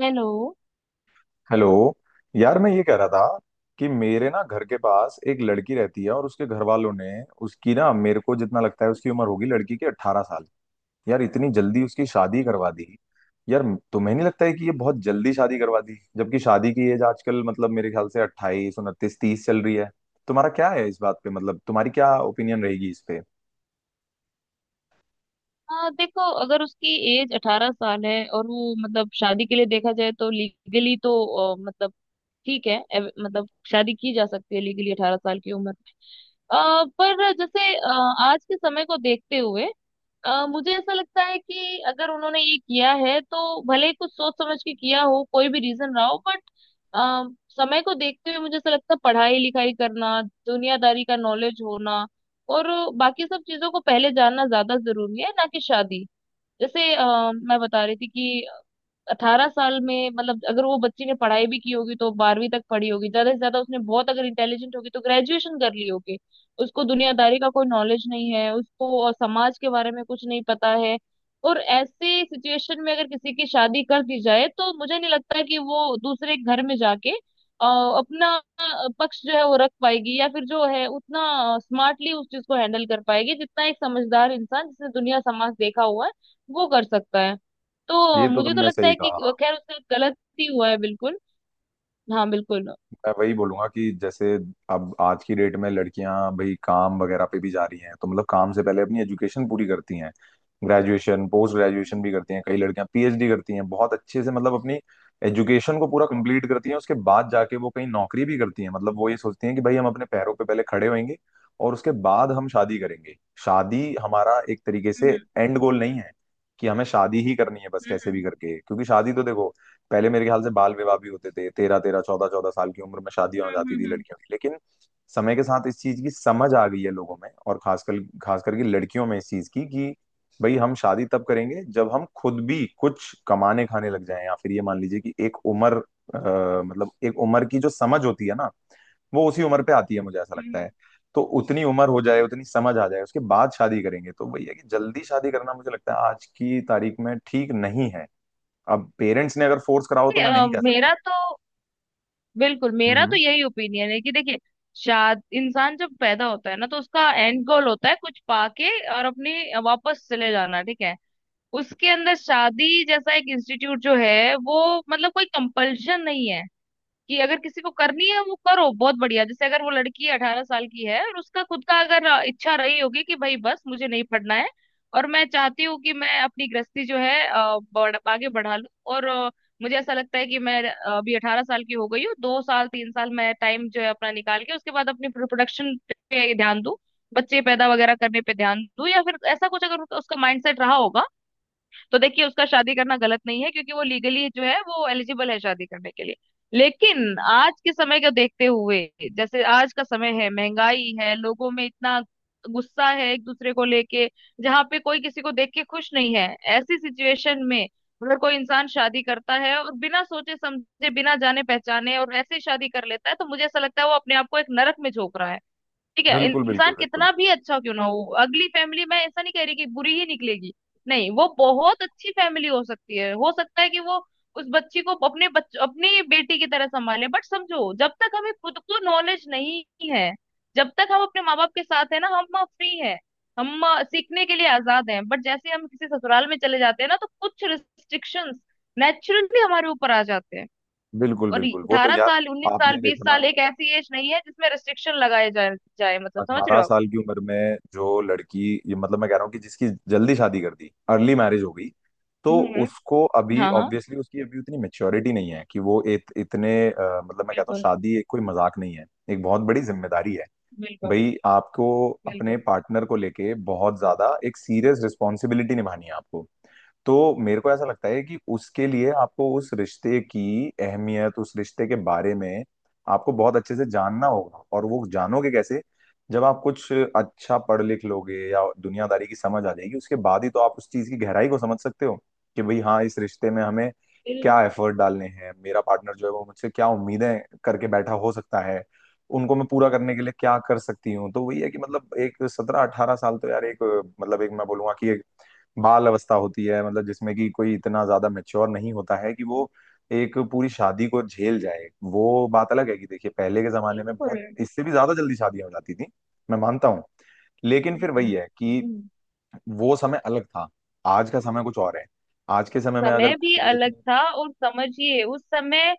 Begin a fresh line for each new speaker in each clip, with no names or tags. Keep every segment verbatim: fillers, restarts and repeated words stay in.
Hello.
Hello. यार, मैं ये कह रहा था कि मेरे ना घर के पास एक लड़की रहती है, और उसके घर वालों ने उसकी ना मेरे को जितना लगता है उसकी उम्र होगी लड़की की अट्ठारह साल। यार, इतनी जल्दी उसकी शादी करवा दी यार। तुम्हें नहीं लगता है कि ये बहुत जल्दी शादी करवा दी, जबकि शादी की एज आजकल मतलब मेरे ख्याल से अट्ठाईस उनतीस तीस चल रही है। तुम्हारा क्या है इस बात पे, मतलब तुम्हारी क्या ओपिनियन रहेगी इस पे।
हाँ, देखो, अगर उसकी एज अठारह साल है और वो मतलब शादी के लिए देखा जाए तो लीगली तो अ, मतलब ठीक है। एव- मतलब शादी की जा सकती है लीगली अठारह साल की उम्र में। अ, पर जैसे अ, आज के समय को देखते हुए अ, मुझे ऐसा लगता है कि अगर उन्होंने ये किया है तो भले ही कुछ सोच समझ के किया हो, कोई भी रीजन रहा हो, बट समय को देखते हुए मुझे ऐसा लगता है पढ़ाई लिखाई करना, दुनियादारी का नॉलेज होना और बाकी सब चीजों को पहले जानना ज्यादा जरूरी है, ना कि शादी। जैसे अ, मैं बता रही थी कि अठारह साल में मतलब अगर वो बच्ची ने पढ़ाई भी की होगी तो बारहवीं तक पढ़ी होगी ज्यादा से ज्यादा, उसने बहुत अगर इंटेलिजेंट होगी तो ग्रेजुएशन कर ली होगी। उसको दुनियादारी का कोई नॉलेज नहीं है, उसको और समाज के बारे में कुछ नहीं पता है। और ऐसे सिचुएशन में अगर किसी की शादी कर दी जाए तो मुझे नहीं लगता कि वो दूसरे घर में जाके अ, अपना अ, पक्ष जो है वो रख पाएगी या फिर जो है उतना स्मार्टली उस चीज को हैंडल कर पाएगी जितना एक समझदार इंसान जिसने दुनिया समाज देखा हुआ है वो कर सकता है। तो
ये तो
मुझे तो
तुमने
लगता
सही
है कि
कहा।
वो- खैर उससे गलत ही हुआ है, बिल्कुल। हाँ, बिल्कुल।
मैं वही बोलूंगा कि जैसे अब आज की डेट में लड़कियां भाई काम वगैरह पे भी जा रही हैं, तो मतलब काम से पहले अपनी एजुकेशन पूरी करती हैं। ग्रेजुएशन, पोस्ट ग्रेजुएशन
हम्म।
भी करती हैं, कई लड़कियां पी एच डी करती हैं बहुत अच्छे से, मतलब अपनी एजुकेशन को पूरा कंप्लीट करती हैं। उसके बाद जाके वो कहीं नौकरी भी करती हैं, मतलब वो ये सोचती हैं कि भाई हम अपने पैरों पे पहले खड़े होंगे, और उसके बाद हम शादी करेंगे। शादी हमारा एक तरीके से
हम्म।
एंड गोल नहीं है कि हमें शादी ही करनी है बस
हम्म।
कैसे भी
हम्म।
करके, क्योंकि शादी तो देखो पहले मेरे ख्याल से बाल विवाह भी होते थे, तेरह तेरह चौदह चौदह साल की उम्र में शादियां हो
हम्म,
जाती थी
हम्म,
लड़कियों की। लेकिन समय के साथ इस चीज की समझ आ गई है लोगों में, और खासकर खास करके लड़कियों में इस चीज की कि भाई हम शादी तब करेंगे जब हम खुद भी कुछ कमाने खाने लग जाएं, या फिर ये मान लीजिए कि एक उम्र अ, मतलब एक उम्र की जो समझ होती है ना, वो उसी उम्र पे आती है, मुझे ऐसा लगता
हम्म।
है। तो उतनी उम्र हो जाए, उतनी समझ आ जाए, उसके बाद शादी करेंगे तो भैया, कि जल्दी शादी करना मुझे लगता है आज की तारीख में ठीक नहीं है। अब पेरेंट्स ने अगर फोर्स करा हो
कि,
तो मैं
अ,
नहीं कह सकता।
मेरा तो बिल्कुल, मेरा तो
हम्म।
यही ओपिनियन है कि देखिए, शाद इंसान जब पैदा होता है ना तो उसका एंड गोल होता है कुछ पाके और अपने वापस चले जाना, ठीक है। उसके अंदर शादी जैसा एक इंस्टीट्यूट जो है वो मतलब कोई कंपल्शन नहीं है कि अगर किसी को करनी है वो करो, बहुत बढ़िया। जैसे अगर वो लड़की अठारह साल की है और उसका खुद का अगर अ, इच्छा रही होगी कि भाई बस मुझे नहीं पढ़ना है और मैं चाहती हूँ कि मैं अपनी गृहस्थी जो है अ, बढ़, आगे बढ़ा लूँ और अ, मुझे ऐसा लगता है कि मैं अ, अभी अठारह साल की हो गई हूँ, दो साल तीन साल मैं टाइम जो है अपना निकाल के उसके बाद अपनी प्रोडक्शन पे ध्यान दूँ, बच्चे पैदा वगैरह करने पे ध्यान दूँ, या फिर ऐसा कुछ अगर उसका माइंडसेट रहा होगा तो देखिए उसका शादी करना गलत नहीं है क्योंकि वो लीगली जो है वो एलिजिबल है शादी करने के लिए। लेकिन आज के समय को देखते हुए, जैसे आज का समय है, महंगाई है, लोगों में इतना गुस्सा है एक दूसरे को लेके, जहाँ पे कोई किसी को देख के खुश नहीं है, ऐसी सिचुएशन में अगर कोई इंसान शादी करता है और बिना सोचे समझे, बिना जाने पहचाने और ऐसे ही शादी कर लेता है तो मुझे ऐसा लगता है वो अपने आप को एक नरक में झोंक रहा है। ठीक है,
बिल्कुल, बिल्कुल,
इंसान
बिल्कुल,
कितना भी अच्छा क्यों ना हो, अगली फैमिली मैं ऐसा नहीं कह रही कि बुरी ही निकलेगी, नहीं, वो बहुत अच्छी फैमिली हो सकती है, हो सकता है कि वो उस बच्ची को अपने बच, अपनी बेटी की तरह संभाले, बट समझो जब तक हमें खुद को नॉलेज नहीं है, जब तक हम अपने माँ बाप के साथ है ना हम फ्री है, हम अ, सीखने के लिए आजाद हैं, बट जैसे हम किसी ससुराल में चले जाते हैं ना तो कुछ रिस्ट्रिक्शंस नेचुरली हमारे ऊपर आ जाते हैं।
बिल्कुल,
और
बिल्कुल, वो तो
अठारह
यार।
साल उन्नीस
आप
साल
ये
बीस
देखो ना।
साल एक ऐसी एज नहीं है जिसमें रेस्ट्रिक्शन लगाए जाए, जाए मतलब, समझ रहे
अठारह
हो आप?
साल की उम्र में जो लड़की, ये मतलब मैं कह रहा हूँ कि जिसकी जल्दी शादी कर दी, अर्ली मैरिज हो गई, तो
हम्म।
उसको अभी
हाँ, हाँ,
ऑब्वियसली उसकी अभी उतनी मेच्योरिटी नहीं है कि वो इत, इतने अ, मतलब मैं कहता हूँ
बिल्कुल,
शादी एक कोई मजाक नहीं है, एक बहुत बड़ी जिम्मेदारी है।
बिल्कुल,
भाई, आपको अपने
बिल्कुल।
पार्टनर को लेके बहुत ज्यादा एक सीरियस रिस्पॉन्सिबिलिटी निभानी है आपको। तो मेरे को ऐसा लगता है कि उसके लिए आपको उस रिश्ते की अहमियत, उस रिश्ते के बारे में आपको बहुत अच्छे से जानना होगा। और वो जानोगे कैसे? जब आप कुछ अच्छा पढ़ लिख लोगे या दुनियादारी की समझ आ जाएगी, उसके बाद ही तो आप उस चीज की गहराई को समझ सकते हो कि भाई, हाँ, इस रिश्ते में हमें क्या
बिल्कुल।
एफर्ट डालने हैं, मेरा पार्टनर जो है वो मुझसे क्या उम्मीदें करके बैठा हो सकता है, उनको मैं पूरा करने के लिए क्या कर सकती हूँ। तो वही है कि मतलब एक सत्रह अठारह साल तो यार एक, मतलब एक, मैं बोलूंगा कि एक बाल अवस्था होती है, मतलब जिसमें कि कोई इतना ज्यादा मेच्योर नहीं होता है कि वो एक पूरी शादी को झेल जाए। वो बात अलग है कि देखिए पहले के जमाने में
बिल्कुल।
बहुत इससे भी ज्यादा जल्दी शादियां हो जाती थी, मैं मानता हूँ। लेकिन फिर
हम्म,
वही है कि
हम्म।
वो समय अलग था, आज का समय कुछ और है। आज के समय में अगर
समय भी
कोई इतनी
अलग था और समझिए उस समय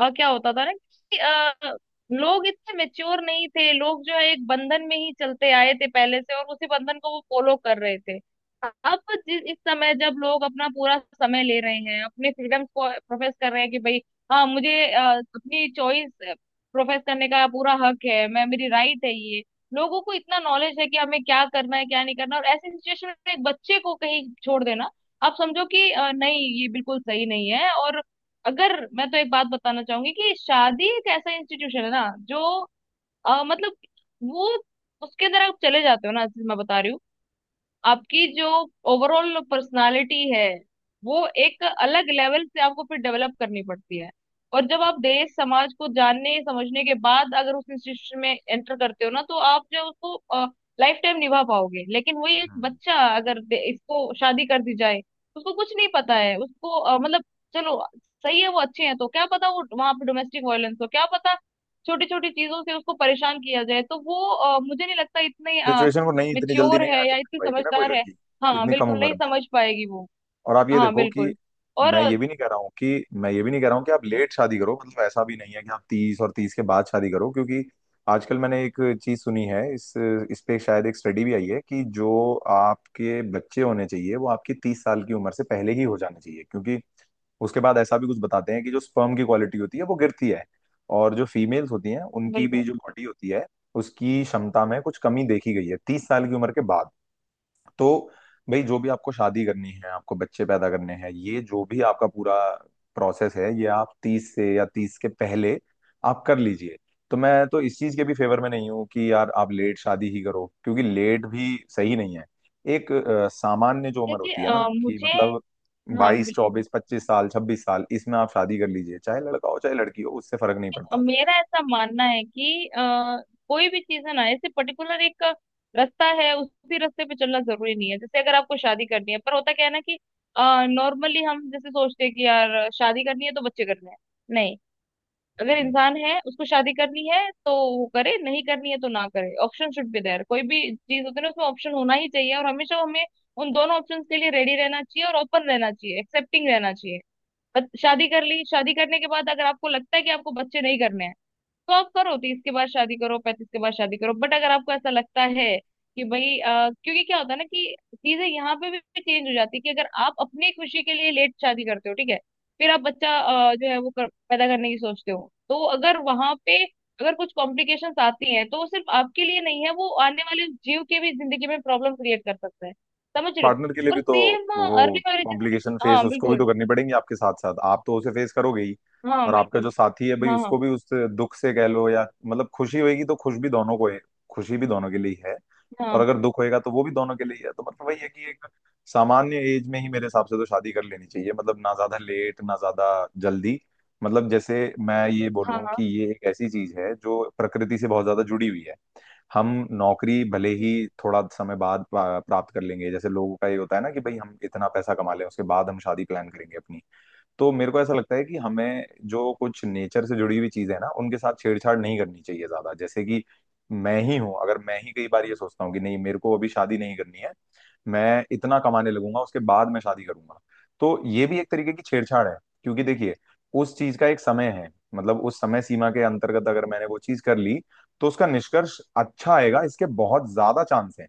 अ, क्या होता था ना कि अ, लोग इतने मेच्योर नहीं थे, लोग जो है एक बंधन में ही चलते आए थे पहले से और उसी बंधन को वो फॉलो कर रहे थे। अब जि- इस समय जब लोग अपना पूरा समय ले रहे हैं, अपने फ्रीडम्स को प्रोफेस कर रहे हैं कि भाई हाँ, मुझे अ, अपनी चॉइस प्रोफेस करने का पूरा हक है, मैं मेरी राइट है ये, लोगों को इतना नॉलेज है कि हमें क्या करना है क्या नहीं करना। और ऐसी सिचुएशन में एक बच्चे को कहीं छोड़ देना, आप समझो कि अ, नहीं ये बिल्कुल सही नहीं है। और अगर मैं तो एक बात बताना चाहूंगी कि शादी एक ऐसा इंस्टीट्यूशन है ना जो अ, मतलब वो उसके अंदर आप चले जाते हो ना, जैसे मैं बता रही हूँ, आपकी जो ओवरऑल पर्सनालिटी है वो एक अलग लेवल से आपको फिर डेवलप करनी पड़ती है। और जब आप देश समाज को जानने समझने के बाद अगर उस इंस्टीट्यूशन में एंटर करते हो ना तो आप जो उसको लाइफ टाइम निभा पाओगे, लेकिन वही एक बच्चा अगर दे- इसको शादी कर दी जाए, उसको कुछ नहीं पता है, उसको अ, मतलब चलो सही है, वो अच्छे हैं, तो क्या पता वो वहां पे डोमेस्टिक वायलेंस हो, क्या पता छोटी छोटी चीजों से उसको परेशान किया जाए, तो वो अ, मुझे नहीं लगता इतने
सिचुएशन को नहीं इतनी जल्दी
मेच्योर
नहीं
है
हैंडल
या
कर
इतनी
पाएगी ना कोई
समझदार है।
लड़की
हाँ,
इतनी कम
बिल्कुल
उम्र
नहीं
में।
समझ पाएगी वो।
और आप ये
हाँ,
देखो कि
बिल्कुल। और
मैं
अ,
ये भी नहीं कह रहा हूँ कि मैं ये भी नहीं कह रहा हूँ कि आप लेट शादी करो, मतलब ऐसा भी नहीं है कि आप तीस, और तीस के बाद शादी करो, क्योंकि आजकल मैंने एक चीज सुनी है, इस इस पे शायद एक स्टडी भी आई है कि जो आपके बच्चे होने चाहिए वो आपकी तीस साल की उम्र से पहले ही हो जाने चाहिए, क्योंकि उसके बाद ऐसा भी कुछ बताते हैं कि जो स्पर्म की क्वालिटी होती है वो गिरती है, और जो फीमेल्स होती हैं उनकी भी
बिल्कुल।
जो बॉडी होती है उसकी क्षमता में कुछ कमी देखी गई है तीस साल की उम्र के बाद। तो भाई, जो भी आपको शादी करनी है, आपको बच्चे पैदा करने हैं, ये जो भी आपका पूरा प्रोसेस है, ये आप तीस से या तीस के पहले आप कर लीजिए। तो मैं तो इस चीज के भी फेवर में नहीं हूँ कि यार आप लेट शादी ही करो, क्योंकि लेट भी सही नहीं है। एक अ, सामान्य जो उम्र
देखिए,
होती है ना,
अ,
कि
मुझे,
मतलब
हाँ
बाईस
बिल्कुल,
चौबीस पच्चीस साल छब्बीस साल इसमें आप शादी कर लीजिए, चाहे लड़का हो चाहे लड़की हो, उससे फर्क नहीं
अ,
पड़ता।
मेरा ऐसा मानना है कि अ, कोई भी चीज है ना, ऐसे पर्टिकुलर एक रास्ता है उसी रास्ते पे चलना जरूरी नहीं है। जैसे अगर आपको शादी करनी है, पर होता क्या है ना कि नॉर्मली हम जैसे सोचते हैं कि यार शादी करनी है तो बच्चे करने हैं, नहीं, अगर इंसान है उसको शादी करनी है तो वो करे, नहीं करनी है तो ना करे। Option should be there. कोई भी चीज होती है ना उसमें ऑप्शन होना ही चाहिए और हमेशा हमें उन दोनों ऑप्शंस के लिए रेडी रहना चाहिए और ओपन रहना चाहिए, एक्सेप्टिंग रहना चाहिए। बस शादी कर ली, शादी करने के बाद अगर आपको लगता है कि आपको बच्चे नहीं करने हैं तो आप करो, तीस के बाद शादी करो, पैंतीस के बाद शादी करो, बट अगर आपको ऐसा लगता है कि भाई अ, क्योंकि क्या होता है ना कि चीजें यहाँ पे भी चेंज हो जाती है कि अगर आप अपनी खुशी के लिए लेट शादी करते हो, ठीक है, फिर आप बच्चा अ, जो है वो कर, पैदा करने की सोचते हो तो अगर वहां पे अगर कुछ कॉम्प्लिकेशंस आती हैं तो वो सिर्फ आपके लिए नहीं है, वो आने वाले जीव के भी जिंदगी में प्रॉब्लम क्रिएट कर सकता है। समझ रहे हो?
पार्टनर के लिए
और
भी तो
सेम
वो
अर्ली मैरिज।
कॉम्प्लिकेशन फेस
हाँ,
उसको भी
बिल्कुल।
तो करनी पड़ेंगी, आपके साथ साथ आप तो उसे फेस करोगे ही।
हाँ,
और आपका जो
बिल्कुल।
साथी है भाई
हाँ, हाँ।
उसको भी उस दुख से कह लो, या मतलब खुशी होगी तो खुश भी दोनों को है, खुशी भी दोनों के लिए ही है। और
हाँ,
अगर दुख होएगा तो वो भी दोनों के लिए ही है। तो मतलब वही है कि एक सामान्य एज में ही मेरे हिसाब से तो शादी कर लेनी चाहिए, मतलब ना ज्यादा लेट ना ज्यादा जल्दी। मतलब जैसे मैं ये
हाँ,
बोलूं
हाँ।
कि ये एक ऐसी चीज है जो प्रकृति से बहुत ज्यादा जुड़ी हुई है। हम नौकरी भले ही थोड़ा समय बाद पा- प्राप्त कर लेंगे, जैसे लोगों का ये होता है ना कि भाई हम इतना पैसा कमा लें उसके बाद हम शादी प्लान करेंगे अपनी। तो मेरे को ऐसा लगता है कि हमें जो कुछ नेचर से जुड़ी हुई चीजें हैं ना उनके साथ छेड़छाड़ नहीं करनी चाहिए ज्यादा, जैसे कि मैं ही हूं। अगर मैं ही कई बार ये सोचता हूँ कि नहीं मेरे को अभी शादी नहीं करनी है, मैं इतना कमाने लगूंगा उसके बाद मैं शादी करूंगा, तो ये भी एक तरीके की छेड़छाड़ है। क्योंकि देखिए, उस चीज का एक समय है, मतलब उस समय सीमा के अंतर्गत अगर मैंने वो चीज कर ली तो उसका निष्कर्ष अच्छा आएगा, इसके बहुत ज्यादा चांस है,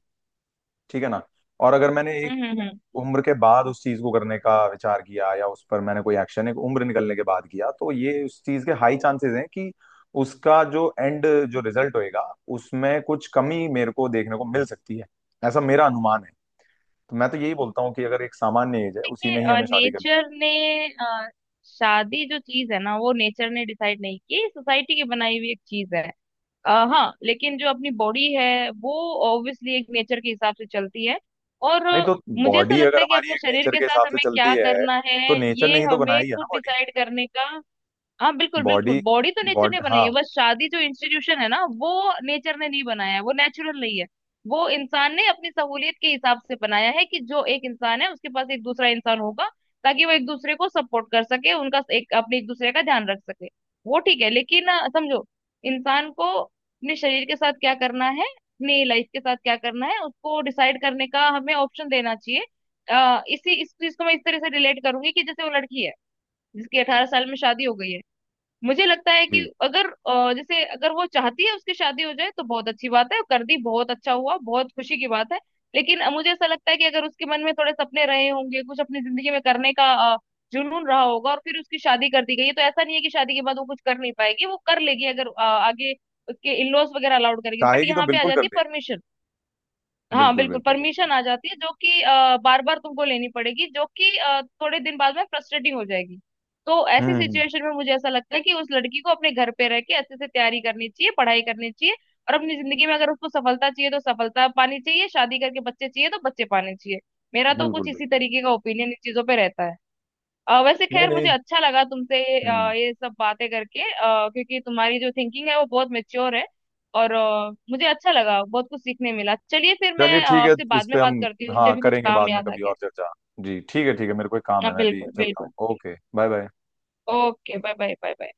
ठीक है ना। और अगर मैंने
हम्म, हम्म, हम्म।
उम्र के बाद उस चीज को करने का विचार किया या उस पर मैंने कोई एक्शन एक उम्र निकलने के बाद किया, तो ये उस चीज के हाई चांसेस हैं कि उसका जो एंड, जो रिजल्ट होएगा उसमें कुछ कमी मेरे को देखने को मिल सकती है, ऐसा मेरा अनुमान है। तो मैं तो यही बोलता हूँ कि अगर एक सामान्य एज है उसी में ही
देखिए
हमें शादी कर ले।
नेचर ने अ, शादी जो चीज है ना वो नेचर ने डिसाइड नहीं की, सोसाइटी की बनाई हुई एक चीज है। अ, हाँ, लेकिन जो अपनी बॉडी है वो ऑब्वियसली एक नेचर के हिसाब से चलती है, और
नहीं
अ,
तो,
मुझे ऐसा
बॉडी
लगता
अगर
है कि
हमारी
अपने
एक
शरीर
नेचर
के
के
साथ
हिसाब से
हमें क्या
चलती है,
करना
तो
है,
नेचर ने
ये
ही तो
हमें
बनाई है ना
खुद
बॉडी।
डिसाइड करने का। हाँ, बिल्कुल बिल्कुल,
बॉडी।
बॉडी तो नेचर
बॉडी,
ने बनाई
हाँ।
है, बस शादी जो इंस्टीट्यूशन है ना वो नेचर ने नहीं बनाया है, वो नेचुरल नहीं है। वो इंसान ने अपनी सहूलियत के हिसाब से बनाया है कि जो एक इंसान है उसके पास एक दूसरा इंसान होगा, ताकि वो एक दूसरे को सपोर्ट कर सके, उनका एक अपने एक दूसरे का ध्यान रख सके। वो ठीक है लेकिन अ, समझो इंसान को अपने शरीर के साथ क्या करना है, अपनी लाइफ के साथ क्या करना है, उसको डिसाइड करने का हमें ऑप्शन देना चाहिए। अ, इसी इस चीज को मैं इस तरह से रिलेट करूंगी कि जैसे वो लड़की है जिसकी अठारह साल में शादी हो गई है। मुझे लगता है कि
जी।
अगर अ, जैसे अगर वो चाहती है उसकी शादी हो जाए तो बहुत अच्छी बात है, कर दी, बहुत अच्छा हुआ, बहुत खुशी की बात है। लेकिन अ, मुझे ऐसा लगता है कि अगर उसके मन में थोड़े सपने रहे होंगे, कुछ अपनी जिंदगी में करने का अ, जुनून रहा होगा और फिर उसकी शादी कर दी गई है, तो ऐसा नहीं है कि शादी के बाद वो कुछ कर नहीं पाएगी, वो कर लेगी, अगर अ, आगे उसके इन लॉज वगैरह अलाउड करेंगे, बट
चाहेगी तो
यहाँ पे आ
बिल्कुल
जाती
कर
है
देगी।
परमिशन। हाँ,
बिल्कुल,
बिल्कुल,
बिल्कुल, बिल्कुल।
परमिशन आ जाती है जो कि बार बार तुमको लेनी पड़ेगी, जो कि अ, थोड़े दिन बाद में फ्रस्ट्रेटिंग हो जाएगी। तो ऐसी
हम्म। हम्म।
सिचुएशन में मुझे ऐसा लगता है कि उस लड़की को अपने घर पे रह के अच्छे से तैयारी करनी चाहिए, पढ़ाई करनी चाहिए, और अपनी जिंदगी में अगर उसको सफलता चाहिए तो सफलता पानी चाहिए, शादी करके बच्चे चाहिए तो बच्चे पाने चाहिए। मेरा तो कुछ
बिल्कुल,
इसी
बिल्कुल।
तरीके का ओपिनियन इन चीजों पे रहता है। अ, वैसे
नहीं,
खैर,
नहीं।
मुझे अच्छा लगा तुमसे अ,
हम्म।
ये सब बातें करके, अ, क्योंकि तुम्हारी जो थिंकिंग है वो बहुत मेच्योर है, और अ, मुझे अच्छा लगा, बहुत कुछ सीखने मिला। चलिए फिर मैं
चलिए
अ,
ठीक है,
आपसे
इस
बाद
पे
में बात
हम,
करती हूँ, मुझे
हाँ,
भी कुछ
करेंगे
काम
बाद में
याद आ
कभी
गया
और
है।
चर्चा। जी ठीक है, ठीक है, मेरे को एक काम
हाँ,
है, मैं अभी
बिल्कुल
चलता
बिल्कुल।
हूँ, okay, bye bye.
Okay, bye bye, bye bye.